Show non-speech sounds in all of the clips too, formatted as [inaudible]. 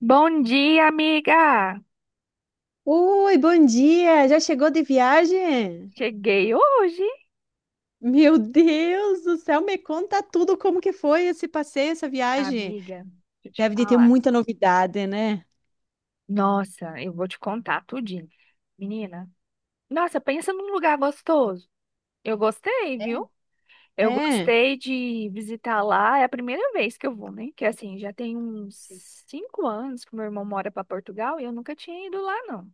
Bom dia, amiga! Oi, bom dia! Já chegou de viagem? Cheguei hoje, Meu Deus do céu, me conta tudo como que foi esse passeio, essa viagem. amiga. Deixa eu te Deve de ter falar. muita novidade, né? Nossa, eu vou te contar tudinho. Menina, nossa, pensa num lugar gostoso. Eu gostei, viu? Eu É, gostei de visitar lá. É a primeira vez que eu vou, né? Que assim, já tem uns sim. 5 anos que meu irmão mora para Portugal e eu nunca tinha ido lá, não.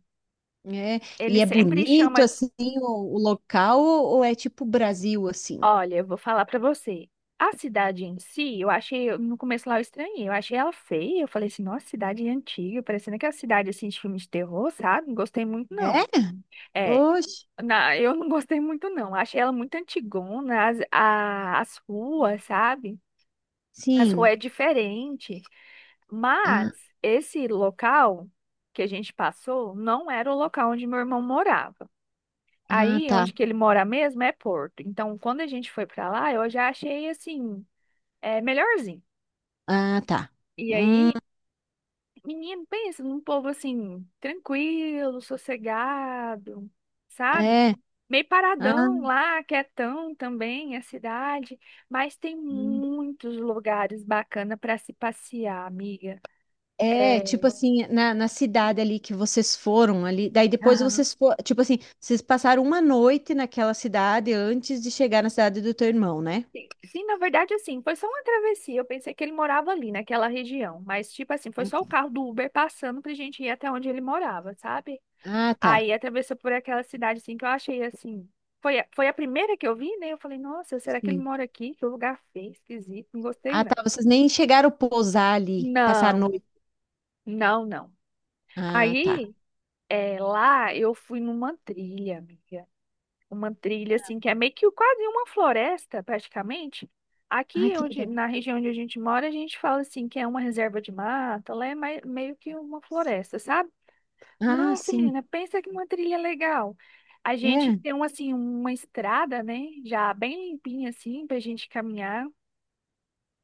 É. Ele E é sempre bonito chama. assim o local ou é tipo Brasil assim? Olha, eu vou falar pra você. A cidade em si, eu achei, no começo lá eu estranhei, eu achei ela feia, eu falei assim, nossa, cidade antiga, parecendo aquela cidade assim de filme de terror, sabe? Não gostei muito É? não. É, Oxe, eu não gostei muito não, achei ela muito antigona, as ruas, sabe? As sim. ruas é diferente, Ah, mas esse local que a gente passou não era o local onde meu irmão morava. ah, Aí, tá. onde que ele mora mesmo é Porto. Então, quando a gente foi pra lá, eu já achei assim é melhorzinho. Ah, tá. E Hum, aí, menino, pensa num povo assim, tranquilo, sossegado, sabe? é. Meio Ah. paradão lá, quietão também, a cidade, mas tem Hum. muitos lugares bacanas para se passear, amiga. É, É, tipo assim, na cidade ali que vocês foram ali, daí depois aham. vocês foram, tipo assim, vocês passaram uma noite naquela cidade antes de chegar na cidade do teu irmão, né? Sim, sim, na verdade, assim, foi só uma travessia. Eu pensei que ele morava ali, naquela região, mas, tipo assim, foi só o carro do Uber passando pra gente ir até onde ele morava, sabe? Ah, tá. Aí atravessou por aquela cidade assim que eu achei assim. Foi a primeira que eu vi, né? Eu falei, nossa, será que ele Sim. mora aqui? Que lugar feio, esquisito, não gostei Ah, não. tá, vocês nem chegaram a pousar ali, passar a Não, noite. não, não. Ah, tá. Aí lá eu fui numa trilha, amiga. Uma trilha assim que é meio que quase uma floresta, praticamente. Ah, Aqui que onde, legal. na região onde a gente mora, a gente fala assim que é uma reserva de mata, lá é meio que uma floresta, sabe? Ah, Nossa, sim. menina, pensa que uma trilha legal. A gente É. tem uma, assim, uma estrada, né? Já bem limpinha, assim, pra gente caminhar.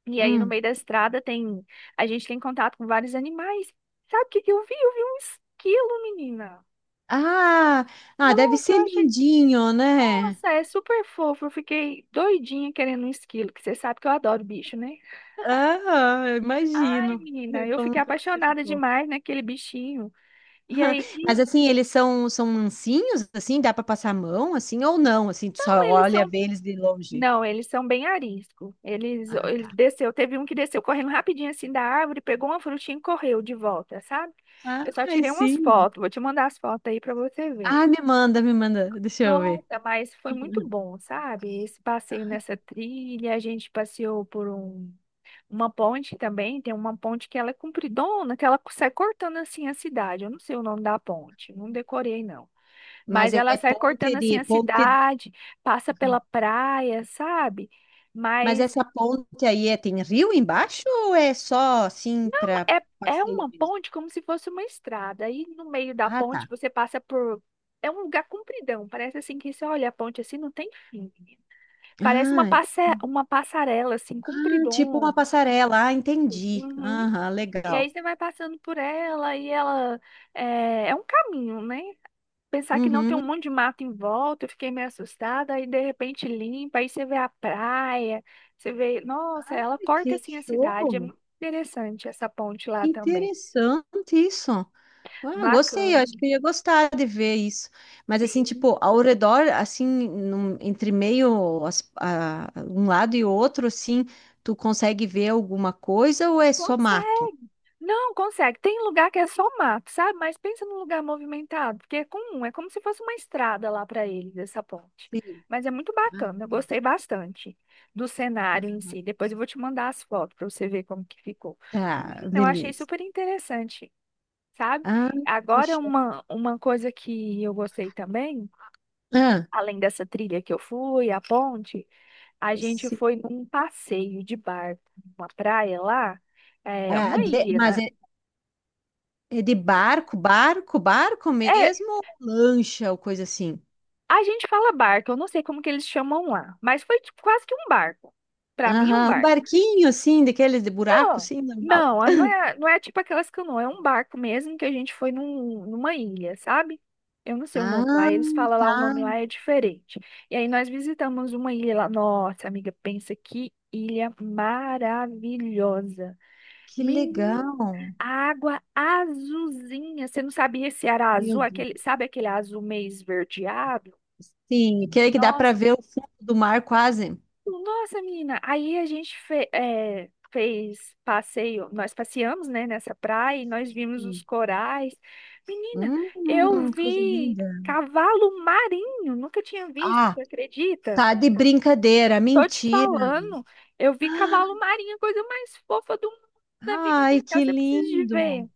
E aí, no Hum. meio da estrada, tem. A gente tem contato com vários animais. Sabe o que que eu vi? Eu vi um esquilo, menina. Ah, ah, deve Nossa, eu ser achei. lindinho, né? Nossa, é super fofo. Eu fiquei doidinha querendo um esquilo, que você sabe que eu adoro bicho, né? Ah, Ai, imagino menina, [laughs] eu como fiquei que você apaixonada ficou. demais naquele bichinho. E aí, Mas assim, eles são mansinhos, assim, dá para passar a mão, assim, ou não, assim, tu como só eles olha, são. vê eles de longe. Não, eles são bem arisco. Eles, ele Ah, desceu, teve um que desceu correndo rapidinho assim da árvore, pegou uma frutinha e correu de volta, sabe? tá. Eu só Ah, tirei umas sim. fotos, vou te mandar as fotos aí pra você ver. Ah, me manda, deixa eu ver. Nossa, mas foi muito Uhum. bom, sabe? Esse passeio nessa trilha, a gente passeou por uma ponte também, tem uma ponte que ela é compridona, que ela sai cortando assim a cidade. Eu não sei o nome da ponte, não decorei não. Mas Mas é ela sai ponte cortando assim de a ponte, cidade, passa pela praia, sabe? mas Mas essa ponte aí tem rio embaixo ou é só assim para é, é passeio uma mesmo? ponte como se fosse uma estrada. Aí no meio da Ah, tá. ponte você passa por. É um lugar compridão. Parece assim que você olha a ponte assim, não tem fim. Parece uma, Ah, passe... hum, uma passarela, assim, tipo uma compridona. passarela. Ah, entendi. Uhum. Aham, E aí legal. você vai passando por ela e ela. É um caminho, né? Pensar que não tem um Uhum. monte de mato em volta, eu fiquei meio assustada. Aí de repente limpa, aí você vê a praia, você vê. Nossa, ela corta Que assim a cidade. É show! muito interessante essa ponte lá também. Interessante isso. Ah, gostei, Bacana. acho que eu ia gostar de ver isso. Mas assim, Sim. tipo, ao redor, assim, entre meio um lado e outro, assim, tu consegue ver alguma coisa ou é só mato? Consegue. Não, consegue. Tem lugar que é só mato, sabe? Mas pensa num lugar movimentado, porque é comum, é como se fosse uma estrada lá para eles, essa ponte. Sim. Mas é muito Ah, bacana, eu gostei bastante do cenário em si. Depois eu vou te mandar as fotos para você ver como que ficou. tá, Menina, eu achei beleza. super interessante, sabe? Ah, Agora fechou. uma coisa que eu gostei também, Ah, além dessa trilha que eu fui, a ponte, a gente sim. foi num passeio de barco, uma praia lá, é, Ah, uma ilha, mas né? é de barco, barco, barco É, mesmo, ou lancha ou coisa assim? a gente fala barco, eu não sei como que eles chamam lá, mas foi tipo, quase que um barco. Pra mim, um Aham, um barco. barquinho assim, daqueles de buraco, Não, assim, normal. não, não é tipo aquelas canoas, é um barco mesmo que a gente foi numa ilha, sabe? Eu não sei o nome lá, Ah, eles falam lá, o nome tá. lá é diferente. E aí nós visitamos uma ilha lá. Nossa, amiga, pensa que ilha maravilhosa. Que Menina, legal. a água azulzinha. Você não sabia se era Meu azul, aquele, Deus. sabe aquele azul meio esverdeado? Sim, que aí que dá para Nossa. ver o fundo do mar quase. Nossa, menina, aí a gente fez passeio, nós passeamos, né, nessa praia e nós vimos os Sim. corais. Menina, eu Coisa vi linda. cavalo marinho, nunca tinha visto, Ah, você acredita? tá de brincadeira, Tô te mentira. falando, eu vi cavalo marinho, a coisa mais fofa do mundo, amiga do Ai, céu, que você precisa de lindo. ver.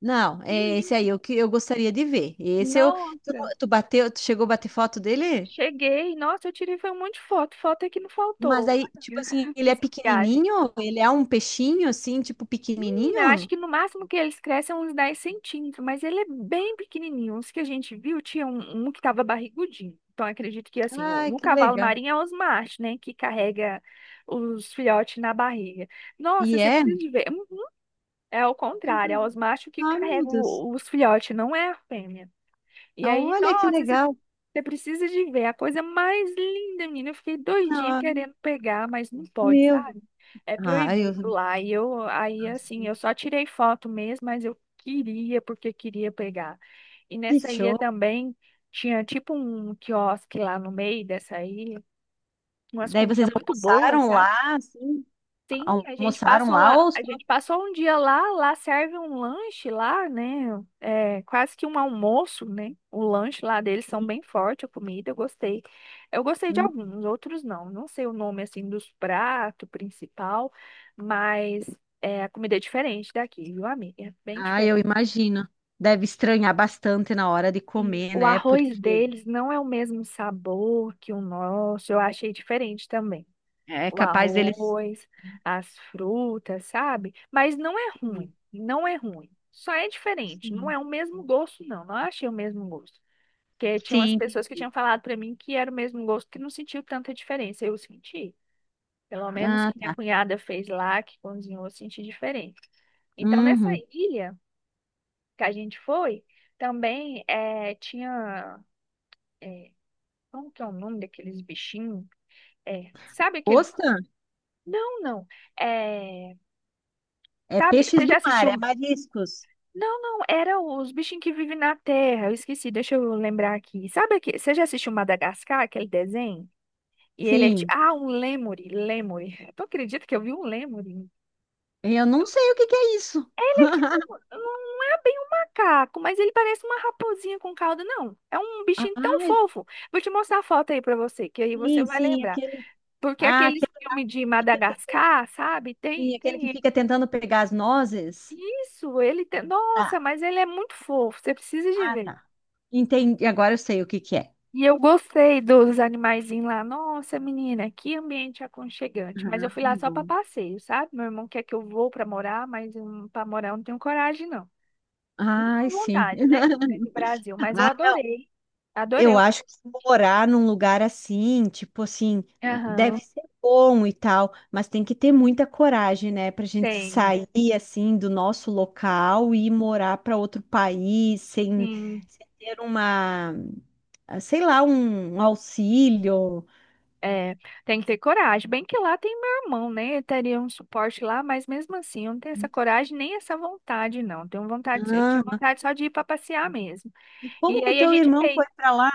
Não, Que é esse lindo. aí é o que eu gostaria de ver. Tu, Nossa, tu bateu, tu chegou a bater foto dele? cheguei, nossa, eu tirei foi um monte de foto, foto é que não Mas faltou aí, tipo assim, [laughs] ele é nessa viagem. pequenininho? Ele é um peixinho assim, tipo Menina, acho pequenininho? que no máximo que eles crescem é uns 10 centímetros, mas ele é bem pequenininho. Os que a gente viu, tinha um, um que estava barrigudinho. Então, acredito que, assim, Ai, no que cavalo legal. marinho é os machos, né, que carrega os filhotes na barriga. E Nossa, você é? precisa de ver. É ao contrário, é os machos que Ah, meu carregam Deus. Os filhotes, não é a fêmea. E aí, Olha que nossa, você legal. você precisa de ver a coisa mais linda, menina. Eu fiquei doidinha Ai, querendo pegar, mas não pode, meu. sabe? É Ai, proibido lá. E eu, aí, nossa, assim, eu só tirei foto mesmo, mas eu queria, porque queria pegar. E que nessa ilha show. também tinha tipo um quiosque lá no meio dessa ilha, umas Daí vocês comidas muito boas, almoçaram sabe? lá, assim? Sim, a gente Almoçaram passou lá lá, ou só... a gente passou um dia lá, lá serve um lanche lá, né? É quase que um almoço, né? O lanche lá deles são bem forte, a comida, eu gostei. Eu gostei de Hum. alguns, outros não. Não sei o nome assim dos pratos principal, mas é, a comida é diferente daqui, viu, amiga? É bem Ah, eu diferente. imagino. Deve estranhar bastante na hora de Sim, comer, o né? arroz Porque deles não é o mesmo sabor que o nosso, eu achei diferente também. é O capaz deles... arroz, as frutas, sabe? Mas não é Sim, ruim, não é ruim. Só é diferente, não sim. é o mesmo gosto, não. Não achei o mesmo gosto. Porque tinha umas Sim. pessoas que tinham falado pra mim que era o mesmo gosto, que não sentiu tanta diferença. Eu senti. Pelo menos Ah, que minha tá. cunhada fez lá, que cozinhou, eu senti diferente. Então, nessa Uhum. ilha que a gente foi, também é, tinha. Como que é o nome daqueles bichinhos? É, sabe aquele. Ostra Não, não. É, é sabe, peixes você já do mar, é assistiu. mariscos. Não, não, era os bichinhos que vivem na terra. Eu esqueci, deixa eu lembrar aqui. Sabe aquele. Você já assistiu Madagascar, aquele desenho? E ele é tipo. Sim. Ah, um lêmure, lêmure. [laughs] Tu acredita que eu vi um lêmure? Eu não sei o que que é isso. Ele é tipo. [laughs] Não é bem um macaco, mas ele parece uma raposinha com cauda, não. É um Ah, bichinho tão fofo. Vou te mostrar a foto aí pra você, que aí você sim, vai sim, lembrar. aquele... Porque Ah, aqueles aquele... filmes de Madagascar, sabe? Tem, Sim, aquele que tem ele. fica tentando pegar as nozes. Isso, ele tem. Tá. Nossa, mas ele é muito fofo. Você precisa de Ah, ver. tá. Entendi. Agora eu sei o que que é. E eu gostei dos animaizinhos lá. Nossa, menina, que ambiente aconchegante. Mas eu Ah, fui lá só para bom. passeio, sabe? Meu irmão quer que eu vou para morar, mas para morar eu não tenho coragem, não. Não Ai, tenho sim. vontade, né? É do Brasil, [laughs] mas eu Ah, adorei. Adorei. eu acho que se morar num lugar assim, tipo assim, deve Aham, ser bom e tal, mas tem que ter muita coragem, né, pra gente tem, sair assim do nosso local e ir morar para outro país sem, sim. sem ter uma, sei lá, um auxílio. É, tem que ter coragem. Bem que lá tem meu irmão, né? Eu teria um suporte lá, mas mesmo assim, eu não tenho essa coragem nem essa vontade, não. Tenho vontade, eu tinha Ah, vontade só de ir para passear mesmo. e E como que o aí a teu gente irmão fez. foi para lá?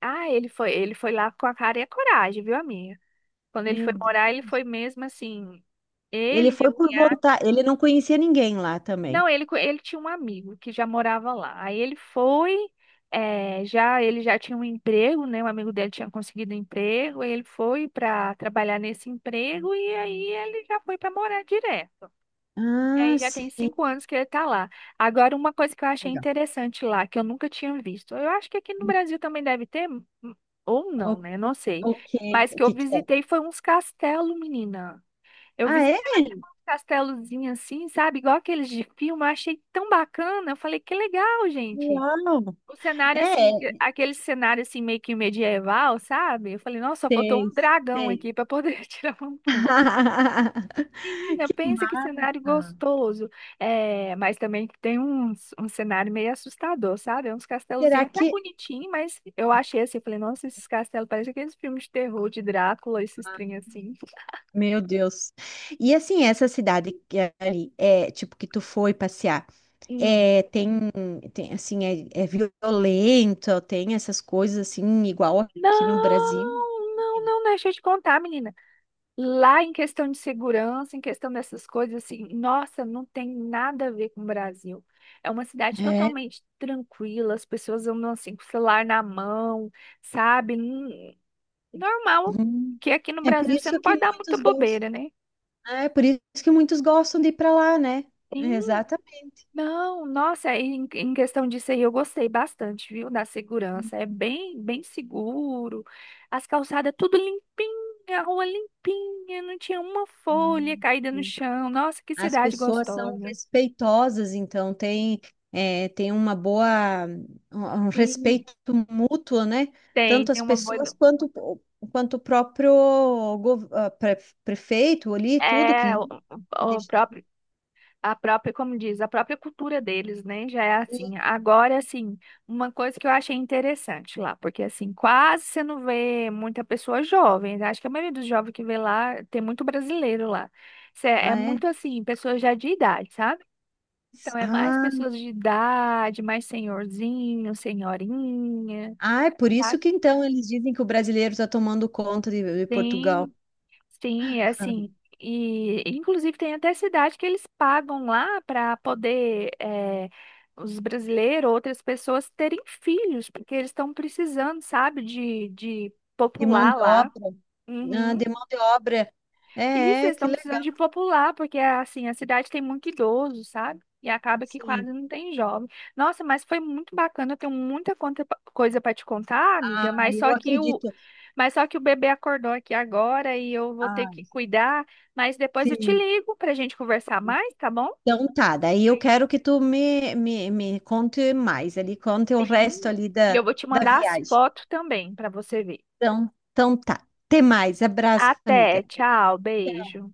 Ah, ele foi lá com a cara e a coragem, viu, amiga? Quando ele Meu foi Deus. morar, ele foi mesmo assim. Ele Ele, minha foi por cunhada. vontade, ele não conhecia ninguém lá também. Não, ele, ele tinha um amigo que já morava lá. Aí ele foi, já ele já tinha um emprego, né? Um amigo dele tinha conseguido um emprego. Aí ele foi para trabalhar nesse emprego e aí ele já foi para morar direto. E Ah, aí já tem sim. 5 anos que ele tá lá. Agora, uma coisa que eu achei Legal. interessante lá, que eu nunca tinha visto. Eu acho que aqui no Brasil também deve ter, ou O, não, né? Não sei. o que, Mas o que eu que que é? visitei foi uns castelos, menina. Eu Ah, é? visitei um castelozinho assim, sabe? Igual aqueles de filme. Eu achei tão bacana. Eu falei, que legal, gente. Uau! O cenário, É, assim, que- aquele cenário, assim, meio que medieval, sabe? Eu falei, nossa, só faltou um sei, dragão sei. aqui pra poder [laughs] tirar uma foto. [laughs] Menina, Que pensa que cenário massa! gostoso. É, mas também tem uns, um cenário meio assustador, sabe? É uns Será castelozinhos até que... bonitinho, mas eu achei assim, eu falei, nossa, esses castelos parecem aqueles filmes de terror de Drácula, esses trem assim. Meu Deus. E assim, essa cidade que é ali, é, tipo, que tu foi passear, Hum. é, tem, tem, assim, é violento, tem essas coisas, assim, igual aqui no Brasil? Não, não, não, deixa eu te contar, menina. Lá em questão de segurança, em questão dessas coisas, assim, nossa, não tem nada a ver com o Brasil. É uma cidade É. totalmente tranquila, as pessoas andam assim com o celular na mão, sabe? Normal, Uhum. que aqui no É por Brasil você isso não que pode dar muita muitos gostam. bobeira, né? Né? É por isso que muitos gostam de ir para lá, né? Sim, Exatamente. não, nossa, aí em questão disso aí eu gostei bastante, viu, da segurança. É bem, bem seguro, as calçadas tudo limpinha, a rua limpinha, não tinha uma folha Uhum. caída no Sim. chão. Nossa, que As cidade pessoas são gostosa. respeitosas, então tem uma boa, um Sim, respeito mútuo, né? tem, Tanto tem as uma boa. pessoas quanto, quanto o próprio gov- ah, pre- prefeito ali, tudo que É, o, limpa, o- o deixa tudo próprio. A própria, como diz, a própria cultura deles, né? Já é limpo. assim. Agora, assim, uma coisa que eu achei interessante lá, porque assim, quase você não vê muita pessoa jovem, né? Acho que a maioria dos jovens que vê lá tem muito brasileiro lá. É Ah, é? muito assim, pessoas já de idade, sabe? Então é mais Ah, pessoas de idade, mais senhorzinho, senhorinha, ah, é por isso tá? que então eles dizem que o brasileiro está tomando conta de Portugal. Tem. Sim, é assim, e inclusive tem até cidade que eles pagam lá para poder os brasileiros, outras pessoas terem filhos, porque eles estão precisando, sabe, de De mão popular de lá. obra. Ah, Uhum. de mão de obra. Isso, É, é, eles que estão precisando legal. de popular, porque assim, a cidade tem muito idoso, sabe? E acaba que quase Sim. não tem jovem. Nossa, mas foi muito bacana, eu tenho muita coisa para te contar, Ah, amiga, mas eu só que o, acredito. Bebê acordou aqui agora e eu vou ter Ah, que cuidar, mas depois eu te sim. ligo pra gente conversar mais, tá bom? Então tá, daí eu quero que tu me conte mais ali, conte o resto Sim. ali E da, eu vou te da mandar as viagem. fotos também pra você ver. Então tá. Até mais. Abraço, amiga. Até, tchau, Tchau. beijo.